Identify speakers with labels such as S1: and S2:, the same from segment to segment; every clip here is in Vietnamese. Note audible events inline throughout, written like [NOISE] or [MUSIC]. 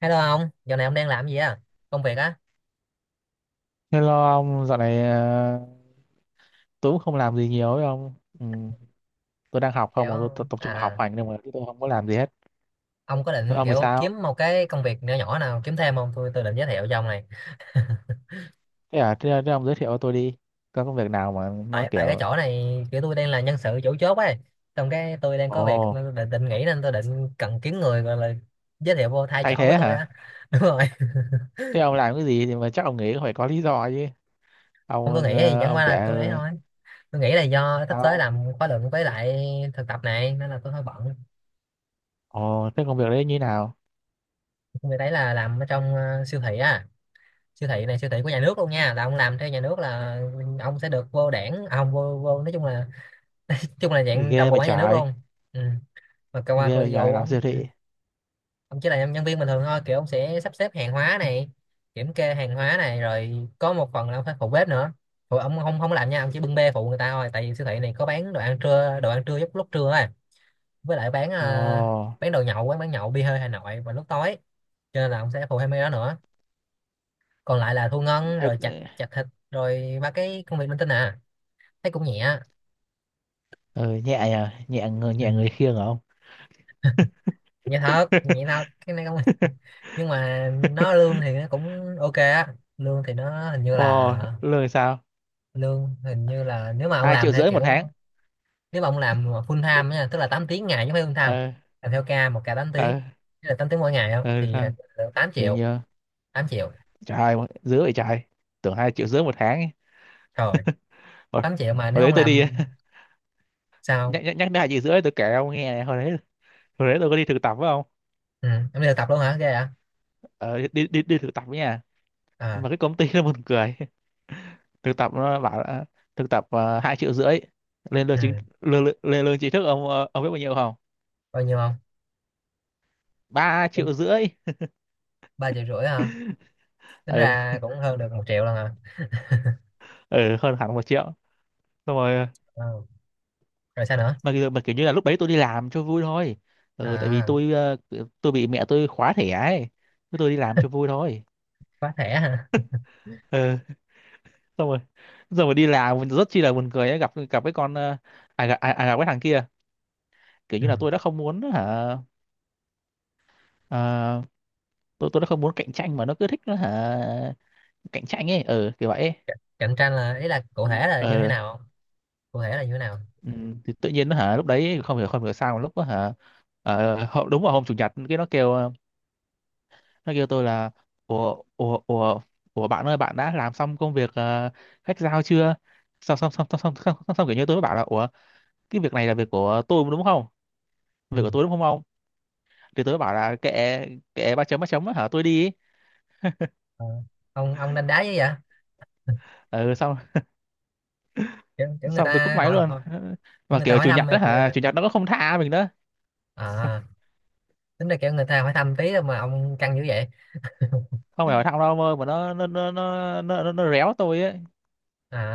S1: Hello ông, giờ này ông đang làm gì á? Công việc á?
S2: Hello ông, dạo này tôi cũng không làm gì nhiều ấy ông. Ừ, tôi đang học không mà tôi tập
S1: Kiểu
S2: tập trung vào học
S1: à,
S2: hành nhưng mà chứ tôi không có làm gì hết.
S1: ông có
S2: Thế
S1: định
S2: ông thì
S1: kiểu
S2: sao?
S1: kiếm một cái công việc nhỏ nhỏ nào kiếm thêm không? Tôi định giới thiệu cho ông này.
S2: Thế à, thế ông giới thiệu cho tôi đi. Có công việc nào mà nói
S1: Tại tại cái
S2: kiểu
S1: chỗ này kiểu tôi đang là nhân sự chủ chốt ấy. Xong cái tôi đang có việc nên
S2: ồ,
S1: tôi định nghỉ, nên tôi định cần kiếm người gọi là giới thiệu vô thay
S2: thay
S1: chỗ của
S2: thế
S1: tôi
S2: hả?
S1: á. [LAUGHS] Đúng rồi.
S2: Thế ông làm cái gì thì mà chắc ông nghĩ phải có lý do chứ.
S1: Không, tôi nghĩ thì chẳng
S2: Ông
S1: qua
S2: kể
S1: là tôi ấy thôi. Tôi nghĩ là do sắp tới
S2: sao?
S1: làm khóa luận với lại thực tập này nên là tôi hơi bận.
S2: Ồ, thế công việc đấy như nào?
S1: Người đấy là làm ở trong siêu thị á. Siêu thị này siêu thị của nhà nước luôn nha, là ông làm theo nhà nước là ông sẽ được vô đảng à, không vô, vô nói chung là
S2: Thì
S1: dạng trong bộ máy nhà nước luôn. Ừ, mà cơ quan
S2: ghê vậy
S1: ví
S2: trời
S1: dụ
S2: làm
S1: ông.
S2: siêu
S1: Ừ,
S2: thị.
S1: ông chỉ là nhân viên bình thường thôi, kiểu ông sẽ sắp xếp hàng hóa này, kiểm kê hàng hóa này, rồi có một phần là ông phải phụ bếp nữa. Phụ ông không không làm nha, ông chỉ bưng bê phụ người ta thôi, tại vì siêu thị này có bán đồ ăn trưa, đồ ăn trưa lúc lúc trưa á, với lại bán à,
S2: Ồ,
S1: bán đồ nhậu, quán bán nhậu bia hơi Hà Nội vào lúc tối, cho nên là ông sẽ phụ thêm mấy đó nữa, còn lại là thu ngân rồi chặt
S2: hơi-
S1: chặt thịt rồi ba cái công việc linh tinh à. Thấy cũng nhẹ.
S2: ừ, nhẹ người
S1: Ừ,
S2: nhẹ người khiêng hả ông?
S1: nhẹ thật, nhẹ thật, cái này không. [LAUGHS]
S2: [LAUGHS]
S1: Nhưng mà nó lương thì nó cũng ok á, lương thì nó hình như là,
S2: Ồ, lương sao?
S1: lương hình như là nếu mà ông
S2: hai
S1: làm
S2: triệu
S1: theo
S2: rưỡi một
S1: kiểu,
S2: tháng
S1: nếu mà ông làm mà full time nha, tức là 8 tiếng ngày chứ không phải full time,
S2: ờ
S1: làm theo ca, một ca 8 tiếng,
S2: ờ
S1: tức là 8 tiếng mỗi ngày không
S2: ờ
S1: thì
S2: Sao?
S1: được 8
S2: Thì
S1: triệu.
S2: nhờ.
S1: Tám triệu.
S2: Trời ơi, dữ vậy trời. Tưởng 2,5 triệu một tháng ấy.
S1: Rồi,
S2: hồi,
S1: 8 triệu mà
S2: hồi
S1: nếu
S2: đấy
S1: ông
S2: tôi
S1: làm.
S2: đi. [LAUGHS]
S1: Sao?
S2: nhắc nhắc nhắc đến 2,5 triệu, tôi kể ông nghe này, hồi đấy tôi có đi thực tập phải không?
S1: Ừ, em đi thực tập luôn hả, ghê hả?
S2: Ờ, đi đi đi thực tập ấy nha.
S1: À,
S2: Mà cái công ty nó buồn cười. [LAUGHS] Thực tập nó bảo là thực tập 2,5 triệu. lên lương chính
S1: ừ.
S2: Lên lương chính thức ông biết bao nhiêu không?
S1: Bao nhiêu không?
S2: 3,5 triệu.
S1: Ba triệu rưỡi hả? Tính
S2: Ừ,
S1: ra cũng hơn được một triệu lần à.
S2: ừ, hơn hẳn 1 triệu. Xong rồi.
S1: Ờ, rồi sao nữa?
S2: Mà kiểu như là lúc đấy tôi đi làm cho vui thôi. Ừ, tại vì
S1: À,
S2: tôi bị mẹ tôi khóa thẻ ấy. Thế tôi đi làm cho vui thôi.
S1: khóa thẻ hả?
S2: Ừ, xong rồi xong rồi đi làm rất chi là buồn cười ấy, gặp gặp cái con ờ, à, gặp, à, à, gặp cái thằng kia kiểu
S1: Ừ.
S2: như là tôi đã không muốn hả. Ờ, tôi tôi đã không muốn cạnh tranh mà nó cứ thích nó hả, cạnh tranh ấy, ừ, kiểu vậy ấy.
S1: C- cạnh tranh là ý là cụ
S2: Ừ.
S1: thể là như thế
S2: Ờ,
S1: nào không? Cụ thể là như thế nào?
S2: ừ, thì tự nhiên nó hả lúc đấy không hiểu sao mà lúc đó hả, đúng vào hôm chủ nhật cái nó kêu nó kêu tôi là ủa ủa bạn ơi, bạn đã làm xong công việc khách giao chưa? Xong kiểu như tôi mới bảo là ủa, cái việc này là việc của tôi đúng không,
S1: Ừ.
S2: việc của tôi đúng không ông? Thì tôi mới bảo là kệ, kệ ba chấm á hả tôi đi.
S1: Ờ. Ông đánh đá với vậy.
S2: Ừ. Xong,
S1: Kiểu, kiểu người
S2: tôi cúp
S1: ta
S2: máy
S1: hỏi,
S2: luôn.
S1: hỏi
S2: [LAUGHS]
S1: kiểu
S2: Mà
S1: người ta
S2: kiểu
S1: hỏi
S2: chủ
S1: thăm
S2: nhật
S1: mà.
S2: đó hả, chủ nhật nó cũng không tha mình đó.
S1: À, tính ra kiểu người ta hỏi thăm tí thôi mà ông căng dữ vậy.
S2: Không phải hỏi thẳng đâu ông ơi, mà nó réo tôi ấy.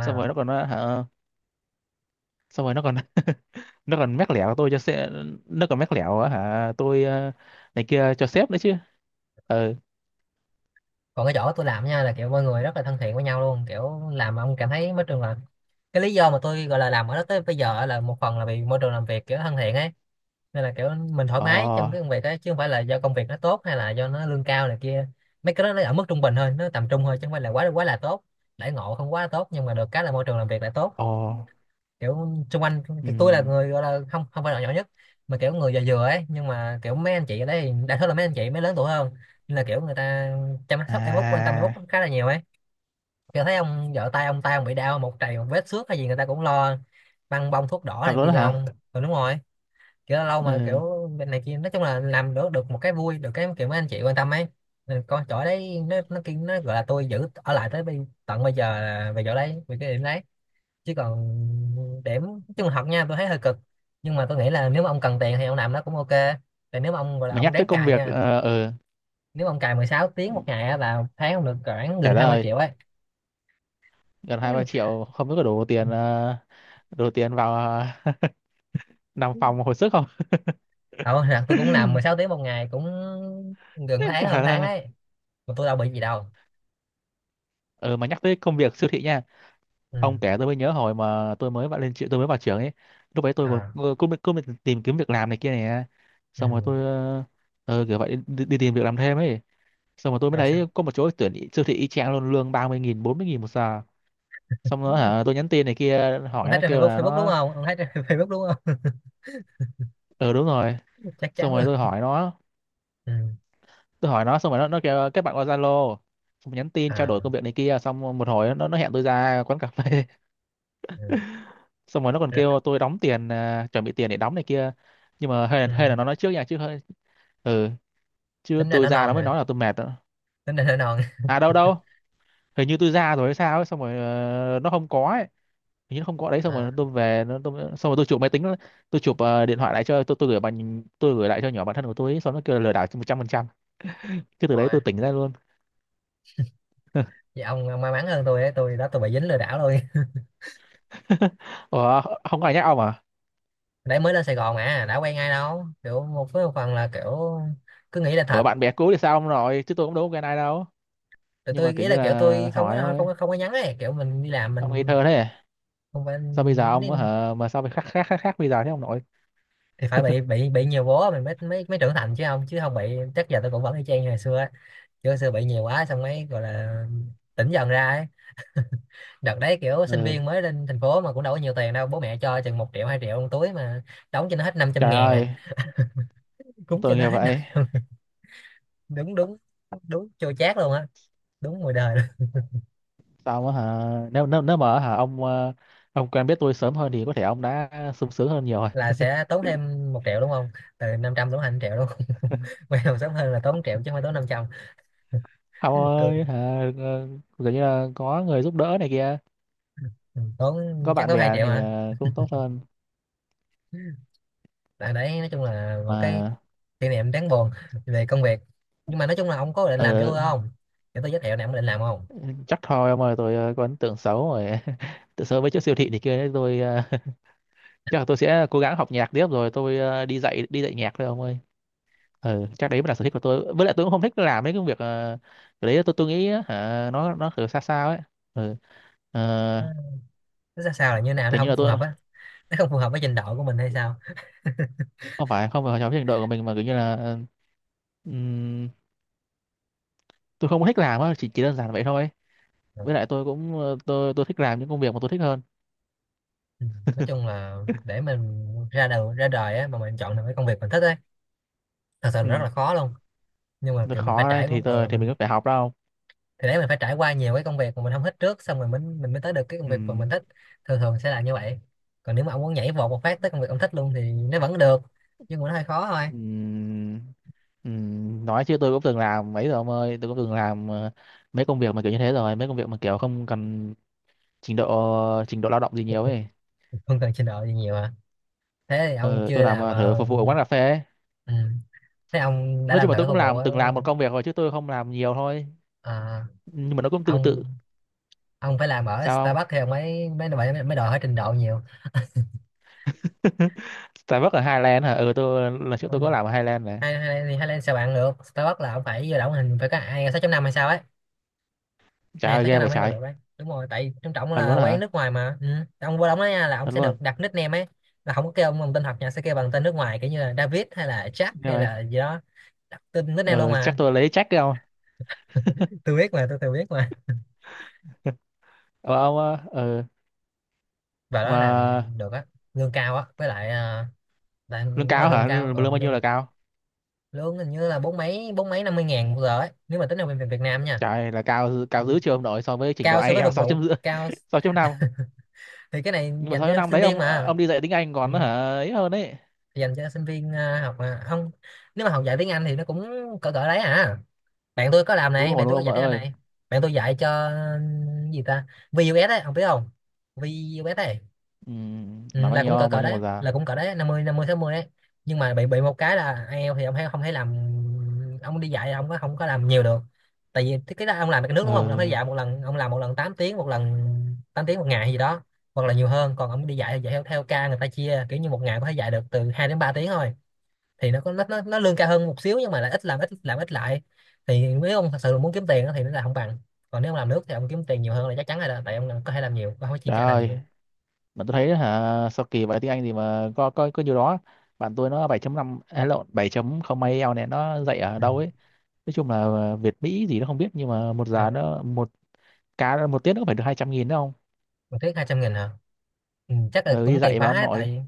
S2: Xong rồi nó còn hả, xong rồi nó còn [LAUGHS] nó còn mách lẻo tôi cho sếp. Nó còn mách lẻo á hả tôi này kia cho sếp nữa chứ. Ừ.
S1: còn cái chỗ tôi làm nha là kiểu mọi người rất là thân thiện với nhau luôn, kiểu làm mà ông cảm thấy môi trường là cái lý do mà tôi gọi là làm ở đó tới bây giờ, là một phần là vì môi trường làm việc kiểu thân thiện ấy, nên là kiểu mình thoải
S2: Ồ.
S1: mái trong cái công việc ấy, chứ không phải là do công việc nó tốt hay là do nó lương cao này kia. Mấy cái đó nó ở mức trung bình thôi, nó tầm trung thôi, chứ không phải là quá quá là tốt. Đãi ngộ không quá là tốt nhưng mà được cái là môi trường làm việc lại tốt.
S2: Ồ.
S1: Kiểu xung quanh,
S2: Ừ.
S1: kiểu tôi là người gọi là không không phải là nhỏ nhất, mà kiểu người già vừa ấy, nhưng mà kiểu mấy anh chị ở đây thì đa số là mấy anh chị mới lớn tuổi hơn, nên là kiểu người ta chăm sóc em út, quan tâm em út
S2: À,
S1: khá là nhiều ấy. Kiểu thấy ông vợ tay ông, tay ông bị đau, một trầy một vết xước hay gì người ta cũng lo băng bông, thuốc đỏ
S2: thật
S1: này
S2: luôn
S1: kia
S2: đó
S1: cho
S2: hả?
S1: ông. Ừ, đúng rồi. Kiểu lâu lâu mà
S2: Ừ.
S1: kiểu bên này kia, nói chung là làm được, được một cái vui được, cái kiểu mấy anh chị quan tâm ấy. Nên con chỗ đấy nó kia nó gọi là tôi giữ ở lại tới tận bây giờ, là về chỗ đấy, về cái điểm đấy. Chứ còn điểm nói chung là học nha, tôi thấy hơi cực, nhưng mà tôi nghĩ là nếu mà ông cần tiền thì ông làm nó cũng ok. Tại nếu mà ông gọi là
S2: Mà
S1: ông
S2: nhắc tới
S1: ráng
S2: công
S1: cày
S2: việc
S1: nha,
S2: ừ,
S1: nếu mà ông cày 16 tiếng một ngày á, là tháng ông được khoảng
S2: trả
S1: gần 20
S2: lời,
S1: triệu ấy.
S2: gần hai ba
S1: [LAUGHS]
S2: triệu không biết có đủ tiền đủ tiền vào nằm phòng hồi sức không.
S1: Đâu, là tôi cũng làm 16 tiếng một ngày cũng gần
S2: [LAUGHS]
S1: tháng,
S2: Trả
S1: hơn tháng
S2: lời.
S1: ấy mà tôi đâu bị gì đâu.
S2: Ừ, mà nhắc tới công việc siêu thị nha, ông
S1: Ừ.
S2: kể tôi mới nhớ hồi mà tôi mới vào tôi mới vào trường ấy, lúc ấy tôi
S1: À.
S2: còn cứ cứ, cứ tìm kiếm việc làm này kia này. Xong rồi
S1: Ừ.
S2: tôi kiểu vậy đi, đi, tìm việc làm thêm ấy. Xong rồi tôi mới
S1: Rồi sao?
S2: thấy có một chỗ tuyển siêu thị y chang luôn, lương 30.000, 40.000 một giờ. Xong rồi hả tôi nhắn tin này kia
S1: Ông
S2: hỏi,
S1: thấy
S2: nó
S1: trên
S2: kêu
S1: Facebook,
S2: là
S1: Facebook đúng
S2: nó
S1: không, ông thấy trên [LAUGHS] Facebook đúng không?
S2: ờ đúng rồi.
S1: [LAUGHS] Chắc
S2: Xong
S1: chắn
S2: rồi
S1: luôn. Ừ.
S2: tôi hỏi nó, xong rồi nó kêu kết bạn qua Zalo, xong nhắn tin trao đổi
S1: À,
S2: công việc này kia, xong một hồi nó hẹn tôi ra quán cà phê.
S1: ừ.
S2: Xong rồi nó còn
S1: Ra-
S2: kêu tôi đóng tiền, à, chuẩn bị tiền để đóng này kia, nhưng mà hay là,
S1: ừ.
S2: hay là nó nói trước nha chứ hơi. Ừ. Chứ
S1: Tính ra
S2: tôi
S1: nó
S2: ra nó
S1: non
S2: mới
S1: nè,
S2: nói là tôi mệt đó.
S1: tính ra nó non.
S2: À, đâu đâu, hình như tôi ra rồi hay sao ấy. Xong rồi nó không có ấy, hình như nó không có đấy. Xong
S1: À,
S2: rồi tôi về nó tôi, xong rồi tôi chụp máy tính, tôi chụp điện thoại lại cho tôi gửi bạn, tôi gửi lại cho nhỏ bạn thân của tôi ấy, xong nó kêu là lừa đảo 100%. Cái từ
S1: đúng
S2: đấy
S1: rồi.
S2: tôi tỉnh ra luôn.
S1: Vậy ông may mắn hơn tôi ấy. Tôi đó tôi bị dính lừa đảo luôn.
S2: [LAUGHS] Ủa, không có ai nhắc ông à?
S1: [LAUGHS] Đấy mới lên Sài Gòn mà đã quen ai đâu, kiểu một với một phần là kiểu cứ nghĩ là
S2: Ủa,
S1: thật.
S2: bạn bè cũ thì sao, ông rồi chứ tôi cũng đâu có quen ai đâu,
S1: Tụi
S2: nhưng
S1: tôi
S2: mà kiểu
S1: ý
S2: như
S1: là kiểu tôi
S2: là
S1: không có,
S2: hỏi thôi.
S1: không có, không có nhắn ấy, kiểu mình đi làm
S2: Ông ngây
S1: mình
S2: thơ thế,
S1: không phải
S2: sao bây giờ ông á
S1: đi-
S2: hả, mà sao phải khác khác khác khác bây giờ thế ông nội?
S1: thì phải bị nhiều bố mình mới, mới, mới trưởng thành chứ không, chứ không bị chắc giờ tôi cũng vẫn y chang như ngày xưa ấy. Kiểu xưa bị nhiều quá xong mới gọi là tỉnh dần ra ấy. Đợt đấy kiểu sinh
S2: Ừ.
S1: viên mới lên thành phố mà cũng đâu có nhiều tiền đâu, bố mẹ cho chừng một triệu hai triệu trong túi mà đóng cho nó hết 500
S2: Trời
S1: ngàn à.
S2: ơi,
S1: [LAUGHS] Cúng cho
S2: tôi nghĩ
S1: nó hết
S2: vậy.
S1: 500. Đúng, đúng, đúng, chua chát luôn á, đúng mùi đời luôn.
S2: Sao mà hả, nếu nếu nếu mà hả ông ông quen biết tôi sớm hơn thì có thể ông đã sung sướng hơn nhiều rồi.
S1: Là sẽ tốn thêm một triệu đúng không? Từ 500 tốn thành triệu đúng không? [LAUGHS]
S2: [LAUGHS]
S1: Quay đầu sớm hơn là tốn 1 triệu chứ không phải tốn 500.
S2: Ông
S1: Tôi
S2: ơi hả kiểu như là có người giúp đỡ này kia,
S1: ừ, tốn
S2: có
S1: chắc
S2: bạn
S1: tốn 2
S2: bè
S1: triệu
S2: thì
S1: hả.
S2: cũng tốt hơn
S1: Tại đấy nói chung là một cái
S2: mà.
S1: kỷ niệm đáng buồn về công việc. Nhưng mà nói chung là ông có định làm cho
S2: ờ,
S1: tôi không, để tôi giới thiệu nè, ông định làm không?
S2: Chắc thôi ông ơi, tôi có ấn tượng xấu rồi [LAUGHS] tự sớm với chỗ siêu thị này kia đấy, tôi [LAUGHS] chắc là tôi sẽ cố gắng học nhạc tiếp rồi tôi đi dạy nhạc thôi ông ơi. Ừ, chắc đấy mới là sở thích của tôi, với lại tôi cũng không thích làm mấy cái việc cái đấy, tôi nghĩ á, hả nó kiểu xa sao ấy. Ừ. ờ,
S1: Nó, nó ra sao là như nào, nó
S2: Kiểu như
S1: không
S2: là
S1: phù
S2: tôi
S1: hợp á? Nó không phù hợp với trình độ của mình hay sao?
S2: không phải, không phải trong trình độ của mình mà kiểu như là ừm, tôi không có thích làm á, chỉ đơn giản vậy thôi, với lại tôi cũng tôi thích làm những công việc mà tôi thích hơn.
S1: Ừ. Nói chung là để mình ra đầu, ra đời á mà mình chọn được cái công việc mình thích ấy thật sự là rất
S2: Ừ.
S1: là khó luôn. Nhưng mà
S2: Nó
S1: kiểu mình phải
S2: khó đấy,
S1: trải qua
S2: thì tôi thì mình
S1: mình,
S2: có phải học đâu.
S1: thì đấy mình phải trải qua nhiều cái công việc mà mình không thích trước, xong rồi mình mới tới được cái công
S2: Ừ.
S1: việc mà mình thích. Thường thường sẽ là như vậy. Còn nếu mà ông muốn nhảy vọt một phát tới công việc ông thích luôn thì nó vẫn được, nhưng mà nó hơi khó thôi.
S2: Ừ. Ừ. Nói chứ tôi cũng từng làm mấy rồi ông ơi, tôi cũng từng làm mấy công việc mà kiểu như thế rồi, mấy công việc mà kiểu không cần trình độ lao động gì nhiều ấy.
S1: Không cần trình độ gì nhiều à? Thế thì ông
S2: Ờ,
S1: chưa
S2: tôi làm
S1: làm
S2: thử phục vụ ở quán cà phê ấy.
S1: ừ. Thế ông đã
S2: Nói chung
S1: làm
S2: là tôi
S1: thử
S2: cũng
S1: phục vụ ở,
S2: từng làm một công việc rồi chứ tôi không làm nhiều thôi,
S1: à,
S2: nhưng mà nó cũng tương tự.
S1: ông ông phải làm ở
S2: Sao không?
S1: Starbucks thì ông mới, mới đòi hỏi trình độ nhiều.
S2: [LAUGHS] Starbucks ở Highland hả? Ừ, tôi lần trước tôi có
S1: Ông-
S2: làm ở Highland này.
S1: hay hay thì hay lên sao bạn được Starbucks là ông phải vô động hình phải có ai 6 năm hay sao ấy.
S2: Trời
S1: Ai
S2: ơi,
S1: sáu, 6
S2: ghê vậy
S1: năm mới vào
S2: trời.
S1: được đấy, đúng rồi, tại trong trọng
S2: Thật
S1: là
S2: luôn
S1: quán
S2: hả?
S1: nước ngoài mà. Ừ, ông vô đóng đó nha là ông
S2: Thật
S1: sẽ
S2: luôn.
S1: được đặt nickname ấy, là không có kêu ông bằng tên thật nha, sẽ kêu bằng tên nước ngoài kiểu như là David hay là Jack
S2: Ghê
S1: hay
S2: vậy.
S1: là gì đó, đặt tên nickname luôn
S2: Ờ,
S1: mà.
S2: Chắc tôi lấy check đâu.
S1: Tôi biết mà tôi biết mà.
S2: ờ, ông ờ, ờ,
S1: Và đó
S2: mà
S1: làm được á, lương cao á, với lại là-
S2: lương
S1: đúng là
S2: cao
S1: lương
S2: hả,
S1: cao,
S2: lương
S1: ờ,
S2: bao nhiêu
S1: lương
S2: là cao?
S1: lương hình như là bốn mấy, bốn mấy năm mươi ngàn một giờ ấy, nếu mà tính ở bên Việt Nam nha.
S2: Trời, là cao,
S1: Ừ,
S2: cao dữ chưa ông nội, so với trình độ
S1: cao so với
S2: IELTS [LAUGHS]
S1: phục
S2: sáu
S1: vụ
S2: chấm rưỡi
S1: cao.
S2: [LAUGHS] 6,5.
S1: Thì cái này
S2: Nhưng mà
S1: dành
S2: sáu chấm
S1: cho
S2: năm
S1: sinh
S2: đấy
S1: viên
S2: ông
S1: mà.
S2: ông đi dạy tiếng Anh
S1: Ừ.
S2: còn nó hả ấy, hơn đấy.
S1: Thì dành cho sinh viên à, học mà không. Nếu mà học dạy tiếng Anh thì nó cũng cỡ cỡ đấy à. Bạn tôi có làm
S2: Hú
S1: này,
S2: hồn
S1: bạn
S2: luôn
S1: tôi có
S2: ông
S1: dạy
S2: nội
S1: tiếng Anh
S2: ơi.
S1: này. Bạn tôi dạy cho ừ, gì ta, VUS ấy ông biết không, VUS ấy.
S2: Ừ,
S1: Ừ,
S2: là bao
S1: là cũng cỡ
S2: nhiêu, bao
S1: cỡ
S2: nhiêu
S1: đấy,
S2: một giờ?
S1: là cũng cỡ đấy, năm năm mươi, năm mươi sáu mươi đấy. Nhưng mà bị một cái là IELTS thì ông thấy không thấy làm, ông đi dạy ông có không có làm nhiều được, tại vì cái đó ông làm cái nước đúng không, ông
S2: Ờ,
S1: phải dạy một lần, ông làm một lần 8 tiếng một lần, 8 tiếng một ngày gì đó hoặc là nhiều hơn. Còn ông đi dạy thì dạy theo, theo ca người ta chia kiểu như một ngày có thể dạy được từ 2 đến 3 tiếng thôi, thì nó có nó lương cao hơn một xíu, nhưng mà lại ít làm, ít làm, ít lại. Thì nếu ông thật sự muốn kiếm tiền á thì nó là không bằng. Còn nếu ông làm nước thì ông kiếm tiền nhiều hơn là chắc chắn rồi đó, tại ông có thể làm nhiều, ông không có chia
S2: trời
S1: ca, làm
S2: ơi,
S1: nhiều.
S2: mà tôi thấy hả, sao kỳ vậy tiếng Anh gì mà có nhiều đó. Bạn tôi nó 7,5, à, lộn 7,0 0 eo này, nó dạy ở
S1: Ừ.
S2: đâu ấy. Nói chung là Việt Mỹ gì nó không biết, nhưng mà một
S1: Ờ.
S2: giờ nó một cá một tiết nó phải được 200.000 đúng không?
S1: Một tiết 200 nghìn hả? Ừ, chắc là
S2: Ừ,
S1: cũng
S2: đi
S1: tùy
S2: dạy mà
S1: khóa
S2: ông
S1: ấy,
S2: nội.
S1: tại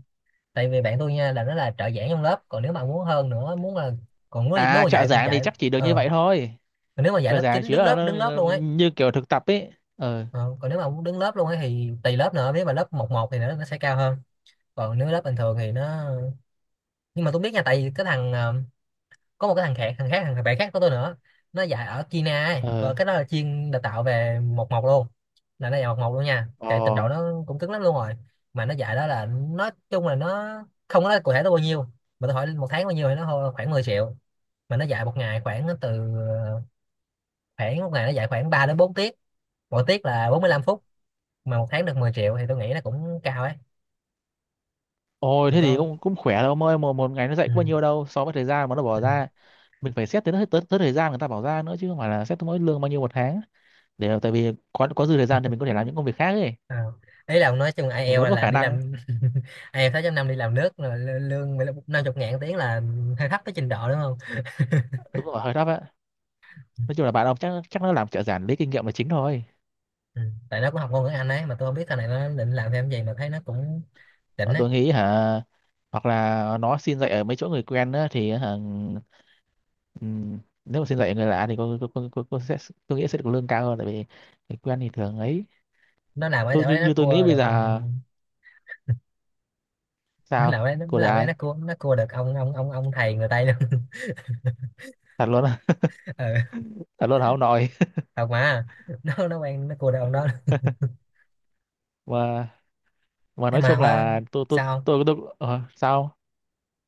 S1: tại vì bạn tôi nha là nó là trợ giảng trong lớp, còn nếu mà muốn hơn nữa muốn là, còn nếu nếu
S2: À,
S1: mà
S2: trợ
S1: dạy thì
S2: giảng thì
S1: dạy.
S2: chắc chỉ được như
S1: Ờ,
S2: vậy thôi.
S1: còn nếu mà dạy
S2: Trợ
S1: lớp
S2: giảng
S1: chín,
S2: chỉ
S1: đứng
S2: là
S1: lớp,
S2: nó
S1: đứng lớp luôn ấy.
S2: như kiểu thực tập ấy. Ờ.
S1: Ờ, còn nếu mà muốn đứng lớp luôn ấy thì tùy lớp nữa, nếu mà lớp một một thì nó sẽ cao hơn, còn nếu lớp bình thường thì nó. Nhưng mà tôi biết nha, tại vì cái thằng có một cái thằng khác, thằng khác, thằng bạn khác của tôi nữa, nó dạy ở China ấy,
S2: Ờ.
S1: còn cái đó là chuyên đào tạo về một một luôn, là nó dạy một một luôn nha, chạy trình độ
S2: Ồ,
S1: nó cũng cứng lắm luôn rồi. Mà nó dạy đó là nói chung là nó không có nói cụ thể nó bao nhiêu, mà tôi hỏi một tháng bao nhiêu thì nó hô khoảng 10 triệu. Mà nó dạy một ngày khoảng từ ờ, khoảng một ngày nó dạy khoảng 3 đến 4 tiết, mỗi tiết là 45 phút, mà một tháng được 10 triệu thì tôi nghĩ là cũng cao ấy.
S2: ôi
S1: Mà
S2: thế
S1: tôi
S2: thì cũng cũng khỏe đâu ông ơi, một một ngày nó dạy
S1: ừ.
S2: có bao nhiêu đâu so với thời gian mà nó bỏ
S1: Ừ.
S2: ra. Mình phải xét tới tới thời gian người ta bảo ra nữa, chứ không phải là xét tới mỗi lương bao nhiêu một tháng, để tại vì có dư thời gian thì mình có thể làm những công việc khác ấy,
S1: À, ý là ông nói chung
S2: mình
S1: IELTS
S2: vẫn có
S1: là
S2: khả
S1: đi
S2: năng.
S1: làm. [LAUGHS] Ai eo sáu 6 năm đi làm nước là lö- lương mười lăm- năm chục ngàn tiếng là hơi thấp cái trình độ đúng không?
S2: Đúng rồi, hơi thấp á. Nói chung là bạn ông chắc chắc nó làm trợ giảng lấy kinh nghiệm là chính thôi.
S1: Ừ. Tại nó cũng học ngôn ngữ Anh ấy, mà tôi không biết sau này nó định làm thêm gì, mà thấy nó cũng đỉnh
S2: Bọn
S1: ấy.
S2: tôi nghĩ hả, hoặc là nó xin dạy ở mấy chỗ người quen á, thì hả, ừm, nếu mà xin dạy ở người lạ thì có sẽ, tôi nghĩ sẽ được lương cao hơn, tại vì người quen thì thường ấy.
S1: Nó làm ở chỗ
S2: Như
S1: đấy nó
S2: như tôi nghĩ
S1: cua
S2: bây
S1: được ừ,
S2: giờ.
S1: nó làm
S2: Sao?
S1: ở đấy,
S2: Của được
S1: nó
S2: ai?
S1: cua, nó cua được ông thầy người Tây luôn.
S2: Thật luôn á?
S1: [LAUGHS] Ừ,
S2: Thật luôn hả ông nội?
S1: thật mà. Nó quen, nó cua được ông đó.
S2: mà mà
S1: Ê
S2: nói
S1: mà
S2: chung
S1: hoa
S2: là
S1: sao không?
S2: tôi sao?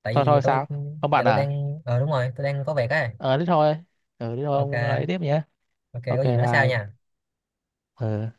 S1: Tại
S2: Thôi
S1: vì
S2: thôi,
S1: tôi
S2: sao không
S1: giờ
S2: bạn
S1: tôi
S2: à?
S1: đang ờ đúng rồi, tôi đang có việc ấy.
S2: Ờ, thế thôi. Ừ, thế thôi ông ấy
S1: Ok,
S2: tiếp nhé.
S1: ok
S2: OK
S1: có gì nói sau
S2: bye.
S1: nha.
S2: Ừ.